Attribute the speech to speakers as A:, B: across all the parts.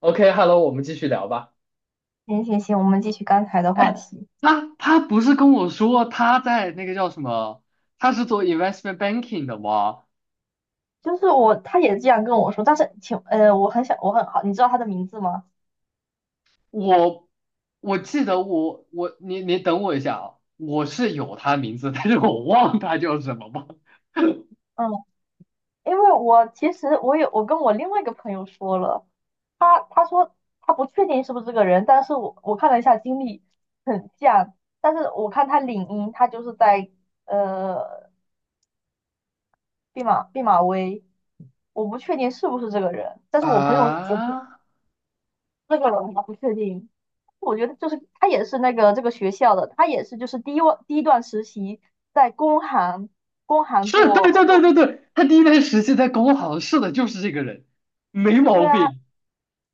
A: OK，Hello，我们继续聊吧。
B: 行行行，我们继续刚才 的话
A: 哎，
B: 题。
A: 他不是跟我说他在那个叫什么？他是做 investment banking 的吗？
B: 就是我，他也这样跟我说，但是请，我很想，我很好，你知道他的名字吗？
A: 我我记得我我你你等我一下啊，我是有他名字，但是我忘他叫什么吗？
B: 嗯，因为我其实我有，我跟我另外一个朋友说了，他说他不确定是不是这个人，但是我看了一下经历很像，但是我看他领英，他就是在呃毕马威，我不确定是不是这个人，但是我朋友我朋
A: 啊，
B: 这个我还不确定。我觉得就是他也是那个这个学校的，他也是就是第一段实习在工行
A: 是对
B: 做
A: 对对
B: 做
A: 对
B: 毕，
A: 对，他第一段实习在工行，是的，就是这个人，没毛
B: 对啊，
A: 病。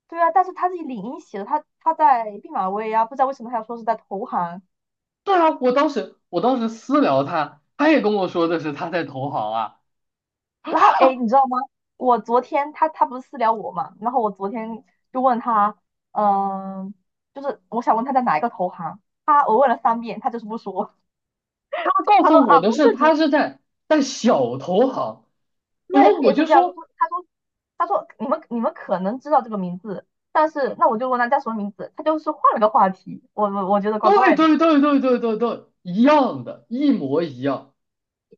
B: 对啊，但是他自己领英写的，他在毕马威啊，不知道为什么他要说是在投行。
A: 对啊，我当时私聊他，他也跟我说的是他在投行啊。
B: 然后哎，诶，你知道吗？我昨天他不是私聊我嘛，然后我昨天就问他，嗯、就是我想问他在哪一个投行，我问了三遍，他就是不说。
A: 他 告
B: 他说
A: 诉我
B: 啊
A: 的
B: 不
A: 是
B: 是你，
A: 他是在小投行，然
B: 对，他
A: 后我
B: 也是
A: 就
B: 这样，他
A: 说
B: 说他说他说你们可能知道这个名字，但是那我就问他叫什么名字，他就是换了个话题，我觉得怪
A: 对
B: 怪的。
A: 对对对对对对，一样的，一模一样，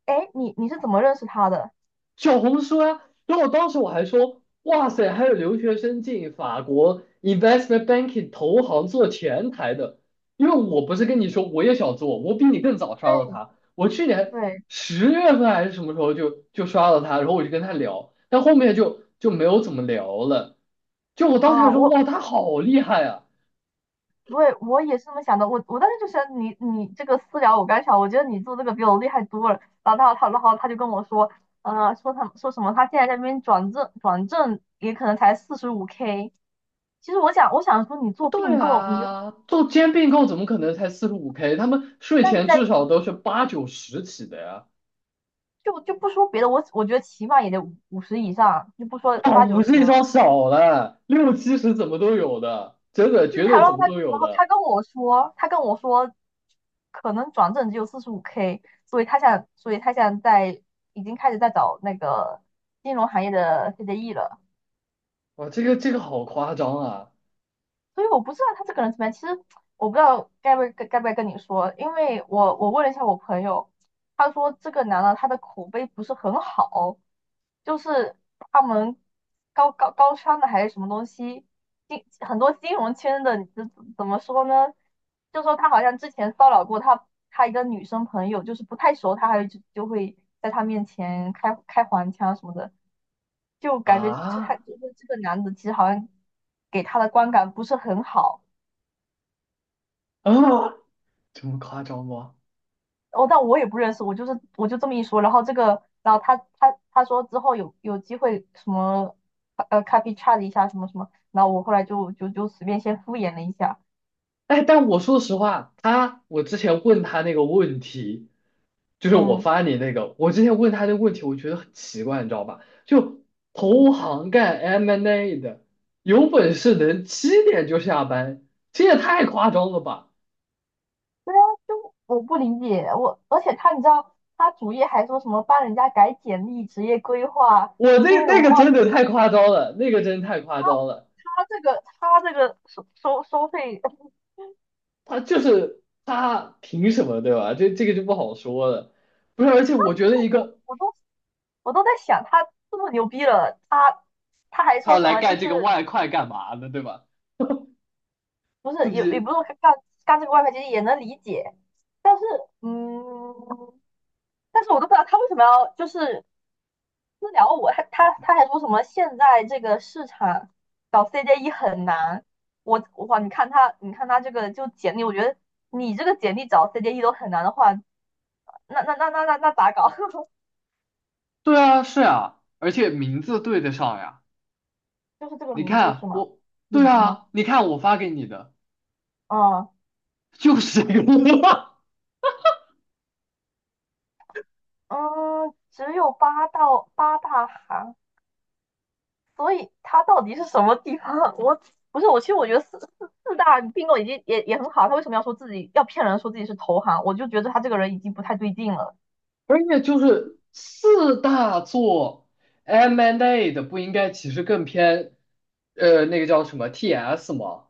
B: 哎，你是怎么认识他的？
A: 小红书啊。然后当时我还说，哇塞，还有留学生进法国 investment banking 投行做前台的，因为我不是跟你说我也想做，我比你更早刷到
B: 对，
A: 他，我去年
B: 对
A: 十月份还是什么时候就刷到他，然后我就跟他聊，但后面就没有怎么聊了。就我当时还
B: 啊，
A: 说，哇，他好厉害啊！
B: 对，我也是这么想的，我我当时就想你这个私聊，我刚想，我觉得你做这个比我厉害多了。然后他就跟我说，说他说什么他现在在那边转正也可能才四十五 K。其实我想说你
A: 不
B: 做
A: 对
B: 并购，你又，
A: 啊，做兼并购怎么可能才45K？他们税
B: 那你
A: 前
B: 在，
A: 至少都是八九十起的呀。
B: 就不说别的，我觉得起码也得五十以上，就不说
A: 哇，
B: 八九
A: 五
B: 十
A: 十
B: 了。
A: 上少了，六七十怎么都有的，真的
B: 对，
A: 绝对怎么都有的。
B: 他跟我说，可能转正只有四十五 K,所以他想在，已经开始在找那个金融行业的 CDE 了。
A: 哇，这个好夸张啊！
B: 所以我不知道他这个人怎么样。其实我不知道该不该跟你说，因为我问了一下我朋友，他说这个男的他的口碑不是很好，就是他们高商的，还是什么东西，很多金融圈的，怎么说呢？就说他好像之前骚扰过他一个女生朋友，就是不太熟，他还就会在他面前开黄腔什么的。就感觉就他
A: 啊
B: 就是这个男的，其实好像给他的观感不是很好。
A: 啊，这么夸张吗？
B: 哦，但我也不认识，我就是我就这么一说。然后这个，然后他说之后有机会什么copy chat 一下什么什么，然后我后来就随便先敷衍了一下。
A: 哎，但我说实话，我之前问他那个问题，就是我
B: 嗯，
A: 发你那个，我之前问他那个问题，我觉得很奇怪，你知道吧？就投行干 M&A n d A 的，有本事能七点就下班，这也太夸张了吧！
B: 对啊，就我不理解，我，而且他，你知道他主页还说什么帮人家改简历、职业规划、
A: 我那
B: 金融
A: 那
B: 冒
A: 个真的
B: 险，
A: 太夸张了，那个真太夸张了。
B: 他这个收费，
A: 他就是他凭什么，对吧？这个就不好说了。不是，而且我
B: 不
A: 觉得
B: 是，我我都。我都在想，他这么牛逼了，他他还说
A: 他
B: 什
A: 来
B: 么？就
A: 干
B: 是，
A: 这个外快干嘛呢，对吧？
B: 不是
A: 自
B: 也也不
A: 己
B: 是干这个外派，其实也能理解，但是，嗯，但是我都不知道他为什么要就是私聊我，他还说什么现在这个市场搞 CJE 很难，我，哇，你看他这个就简历，我觉得你这个简历找 CJE 都很难的话，那咋搞？
A: 对啊，是啊，而且名字对得上呀。
B: 就是这个
A: 你
B: 名字是
A: 看
B: 吗？
A: 我，
B: 也
A: 对
B: 是吗？
A: 啊，你看我发给你的。
B: 嗯，
A: 就是这个，
B: 嗯，只有八大行，所以它到底是什么地方？我，不是我，其实我觉得四大并购已经也很好，他为什么要说自己，要骗人说自己是投行？我就觉得他这个人已经不太对劲了。
A: 而且就是四大作 M&A n d A 的不应该其实更偏，那个叫什么 TS 吗？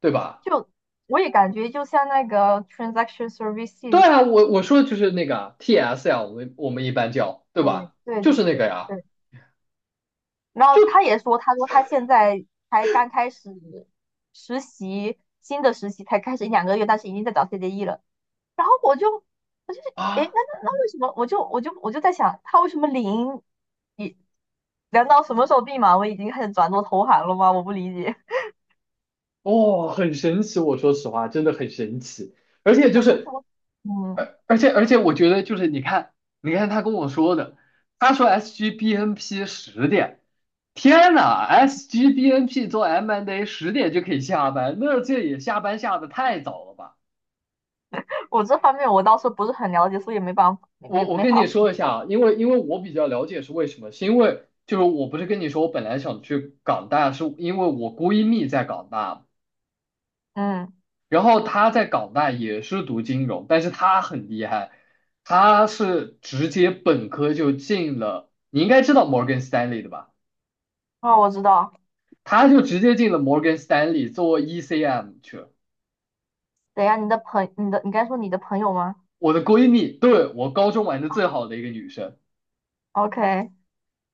A: 对吧？
B: 就我也感觉就像那个 transaction
A: 对
B: services。
A: 啊，我说的就是那个啊 TS 呀，我们一般叫，对
B: 对
A: 吧？
B: 对
A: 就
B: 对
A: 是那个
B: 对
A: 呀，
B: 对。然
A: 就
B: 后他也说，他说他现在才刚开始实习，新的实习才开始一两个月，但是已经在找 CDE 了。然后我，诶，那
A: 啊，
B: 那那为什么我在想，他为什么零一，难道什么时候闭嘛？我已经开始转做投行了吗？我不理解。
A: 哦，很神奇，我说实话，真的很神奇，而且
B: 本身什么，嗯，
A: 我觉得就是你看，你看他跟我说的，他说 SGBNP 十点，天呐，SGBNP 做 M&A N P 做 M and A 10点就可以下班，那这也下班下的太早了吧？
B: 我这方面我倒是不是很了解，所以没办法没没
A: 我
B: 没
A: 跟
B: 法
A: 你
B: 说。
A: 说一下啊，因为我比较了解是为什么，是因为就是我不是跟你说我本来想去港大，是因为我闺蜜在港大嘛，
B: 嗯，
A: 然后他在港大也是读金融，但是他很厉害，他是直接本科就进了，你应该知道 Morgan Stanley 的吧？
B: 哦，我知道。
A: 他就直接进了 Morgan Stanley 做 ECM 去了。
B: 等一下，你该说你的朋友吗
A: 我的闺蜜，对，我高中玩的最好的一个女生，
B: ？OK,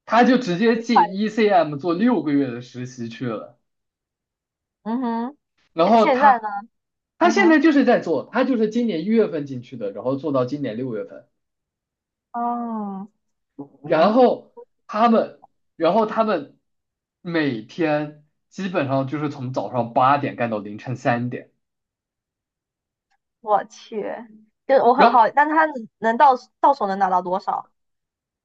A: 她就直接
B: 厉
A: 进
B: 害。
A: ECM 做6个月的实习去了。
B: 嗯哼，
A: 然
B: 现
A: 后
B: 现在
A: 她，
B: 呢？
A: 她
B: 嗯
A: 现在
B: 哼，
A: 就是在做，她就是今年1月份进去的，然后做到今年6月份。
B: 哦，
A: 然
B: 嗯，
A: 后他们，然后他们每天基本上就是从早上八点干到凌晨3点，
B: 我去，就是我
A: 然
B: 很
A: 后
B: 好，但他能到到手能拿到多少？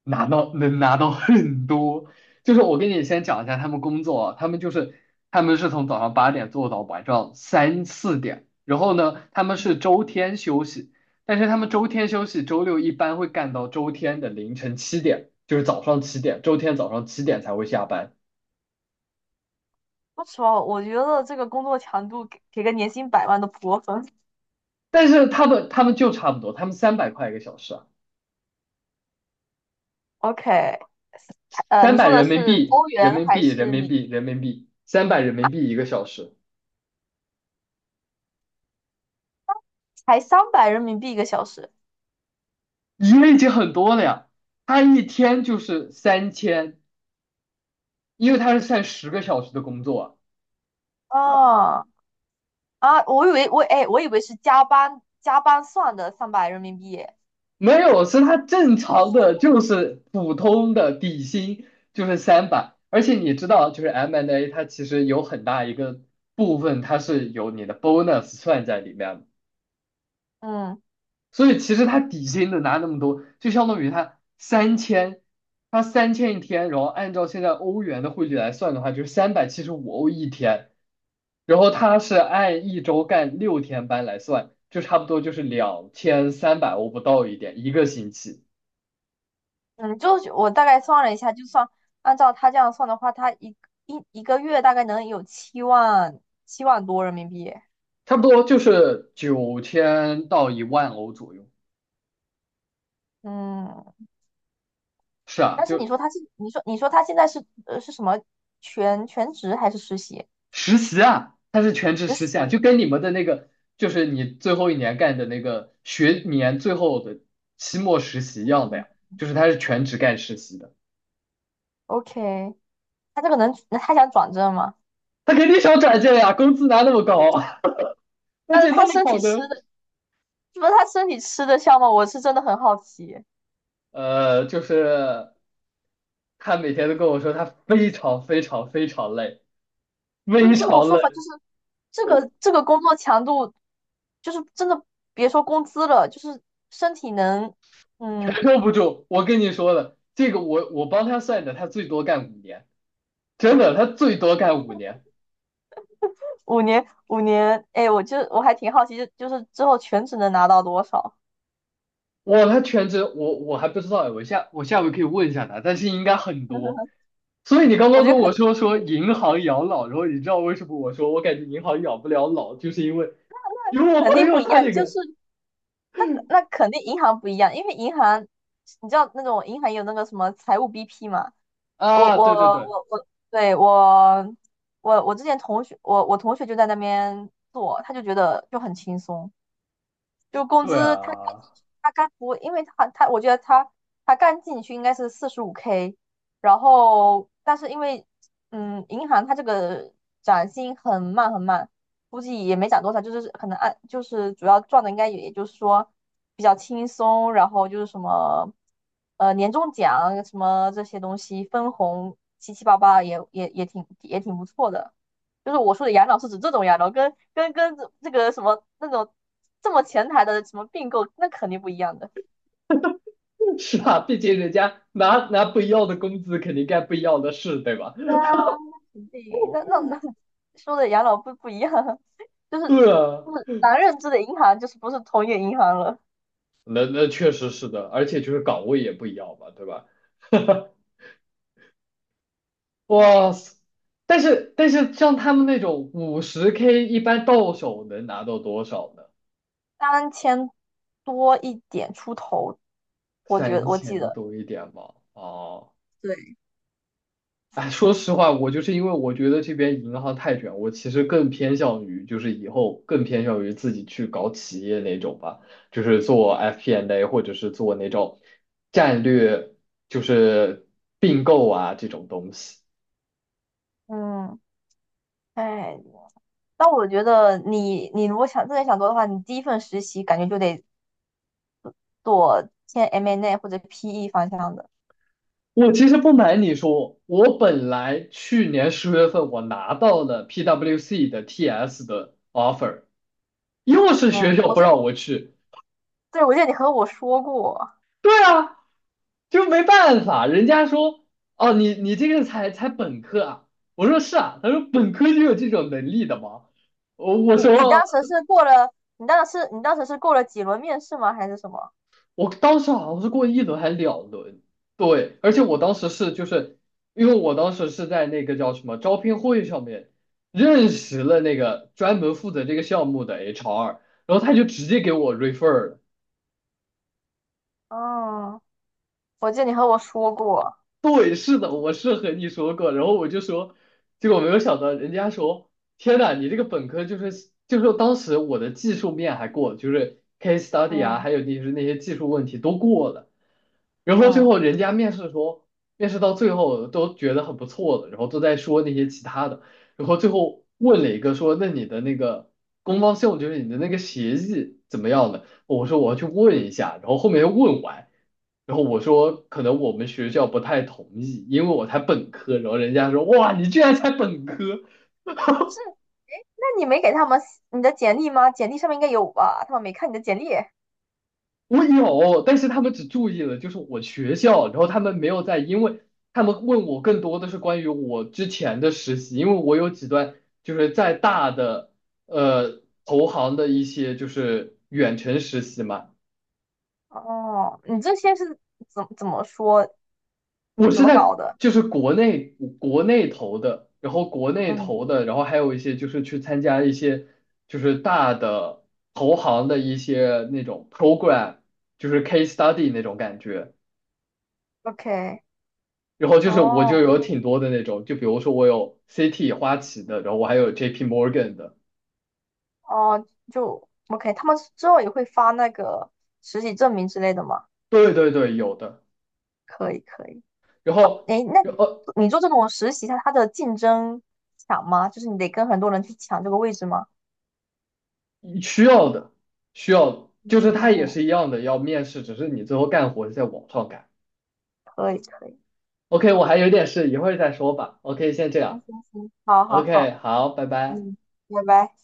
A: 拿到很多。就是我跟你先讲一下他们工作啊，他们是从早上八点做到晚上三四点，然后呢，他们是周天休息，但是他们周天休息，周六一般会干到周天的凌晨七点，就是早上七点，周天早上七点才会下班。
B: 说实话，我觉得这个工作强度给个年薪百万的过分。
A: 但是他们就差不多，他们300块一个小时。
B: OK,
A: 三
B: 你
A: 百
B: 说的
A: 人民
B: 是
A: 币，
B: 欧
A: 人
B: 元
A: 民
B: 还
A: 币，人
B: 是
A: 民
B: 米？
A: 币，人民币，三百人民币一个小时，
B: 才三百人民币一个小时？
A: 一个已经很多了呀。他一天就是三千，因为他是算10个小时的工作啊
B: 啊，啊，我以为是加班算的三百人民币耶，
A: 没有，是他正常的，就是普通的底薪就是三百，而且你知道，就是 M&A 它其实有很大一个部分它是有你的 bonus 算在里面的。
B: 嗯
A: 所以其实他底薪的拿那么多，就相当于他三千，他三千一天，然后按照现在欧元的汇率来算的话，就是375欧一天，然后他是按一周干6天班来算，就差不多就是2,300欧不到一点，一个星期，
B: 嗯，就是我大概算了一下，就算按照他这样算的话，他一个月大概能有七万多人民币耶，
A: 差不多就是9000到1万欧左右。
B: 嗯，
A: 是啊，
B: 但是你
A: 就
B: 说他是，你说他现在是是什么，全职还是实习？
A: 实习啊，他是全职
B: 学
A: 实习啊，
B: 习，
A: 就跟你们的那个，就是你最后一年干的那个学年最后的期末实习一样的
B: 嗯
A: 呀，就是他是全职干实习的，
B: ，OK,他这个能，他想转正吗？
A: 他肯定想转正呀，工资拿那么高，而
B: 但是
A: 且那
B: 他
A: 么
B: 身体
A: 好
B: 吃
A: 的，
B: 的，是不是他身体吃得消吗？我是真的很好奇。
A: 就是他每天都跟我说他非常非常非常累，
B: 就
A: 非
B: 这种
A: 常
B: 说
A: 累，
B: 法，就是这个工作强度，就是真的别说工资了，就是身体能，
A: 承
B: 嗯，
A: 受不住。我跟你说了，这个我帮他算的，他最多干五年，真的，他最多干五年。
B: 五年，五年，哎，我还挺好奇，就是之后全职能拿到多少？
A: 我他全职，我还不知道哎，我下回可以问一下他，但是应该很多。所以你刚
B: 我
A: 刚
B: 觉得
A: 跟
B: 肯
A: 我
B: 定，
A: 说说银行养老，然后你知道为什么我说我感觉银行养不了老，就是因为我
B: 那肯
A: 朋
B: 定不
A: 友
B: 一
A: 他
B: 样，
A: 那
B: 就是
A: 个
B: 那肯定银行不一样，因为银行，你知道那种银行有那个什么财务 BP 嘛，我
A: 啊，
B: 我
A: 对对对
B: 我我，对，我之前同学，我同学就在那边做，他就觉得就很轻松。就工
A: 对
B: 资他干进
A: 啊，
B: 去他干不，因为他我觉得他干进去应该是四十五 K,然后但是因为银行它这个涨薪很慢很慢，估计也没涨多少，就是可能按，就是主要赚的应该也就是说比较轻松，然后就是什么年终奖什么这些东西分红七七八八也也也挺也挺不错的。就是我说的养老是指这种养老，跟这个什么那种这么前台的什么并购，那肯定不一样的。
A: 是啊，毕竟人家拿不一样的工资，肯定干不一样的事，对吧？
B: 对啊，对，那那那 说的养老不一样，就是
A: 对啊，
B: 就是咱认知的银行就是不是同一个银行了。
A: 那确实是的，而且就是岗位也不一样嘛，对吧？哇
B: 唉，
A: 塞！但是像他们那种50K，一般到手能拿到多少呢？
B: 三千多一点出头，我觉得
A: 三
B: 我记
A: 千
B: 得，
A: 多一点吧。哦，
B: 对，
A: 哎，说实话，我就是因为我觉得这边银行太卷，我其实更偏向于就是以后更偏向于自己去搞企业那种吧，就是做 FP&A N 或者是做那种战略，就是并购啊这种东西。
B: 嗯，哎，但我觉得你如果真的想做的话，你第一份实习感觉就得做签 M&A n 或者 PE 方向的。
A: 我其实不瞒你说，我本来去年十月份我拿到了 PWC 的 TS 的 offer，又是
B: 嗯，
A: 学校
B: 我
A: 不
B: 是。
A: 让我去。
B: 对，我记得你和我说过，
A: 对啊，就没办法，人家说哦，你这个才本科啊，我说是啊，他说本科就有这种能力的吗？我我
B: 你
A: 说
B: 你当时是过了，你当时是过了几轮面试吗？还是什么？
A: 我当时好像是过一轮还是两轮，对，而且我当时是就是因为我当时是在那个叫什么招聘会上面认识了那个专门负责这个项目的 HR，然后他就直接给我 refer 了。
B: 嗯，我记得你和我说过，
A: 对，是的，我是和你说过，然后我就说，结果没有想到，人家说，天呐，你这个本科就是当时我的技术面还过，就是 case study 啊，
B: 嗯
A: 还有就是那些技术问题都过了，然后最
B: 嗯，
A: 后人家面试说，面试到最后都觉得很不错了，然后都在说那些其他的，然后最后问了一个说，那你的那个官方项目就是你的那个协议怎么样的？我说我要去问一下，然后后面又问完。然后我说可能我们学校不太同意，因为我才本科。然后人家说哇，你居然才本科，
B: 不是，哎，那你没给他们你的简历吗？简历上面应该有吧？他们没看你的简历。
A: 我有，但是他们只注意了就是我学校，然后他们没有在，因为他们问我更多的是关于我之前的实习，因为我有几段就是在大的投行的一些就是远程实习嘛。
B: 哦，你这些是怎怎么说，
A: 我
B: 怎
A: 是
B: 么
A: 在
B: 搞的？
A: 就是国内投的，然后国内
B: 嗯
A: 投的，然后还有一些就是去参加一些就是大的投行的一些那种 program，就是 case study 那种感觉。
B: ，OK,
A: 然后就是我就
B: 哦
A: 有挺多的那种，就比如说我有 CT 花旗的，然后我还有 JP Morgan 的，
B: 哦，就 OK,他们之后也会发那个实习证明之类的吗？
A: 对对对，有的。
B: 可以可以。
A: 然后
B: 诶，那你
A: 呃
B: 你做这种实习，它的竞争强吗？就是你得跟很多人去抢这个位置吗？
A: 需要的需要就是它也
B: 嗯，
A: 是一样的要面试，只是你最后干活是在网上干。
B: 可以可以，
A: OK，我还有点事，一会儿再说吧。OK，先这
B: 行
A: 样。
B: 行行，好好
A: OK，
B: 好，
A: 好，拜拜。
B: 嗯，拜拜。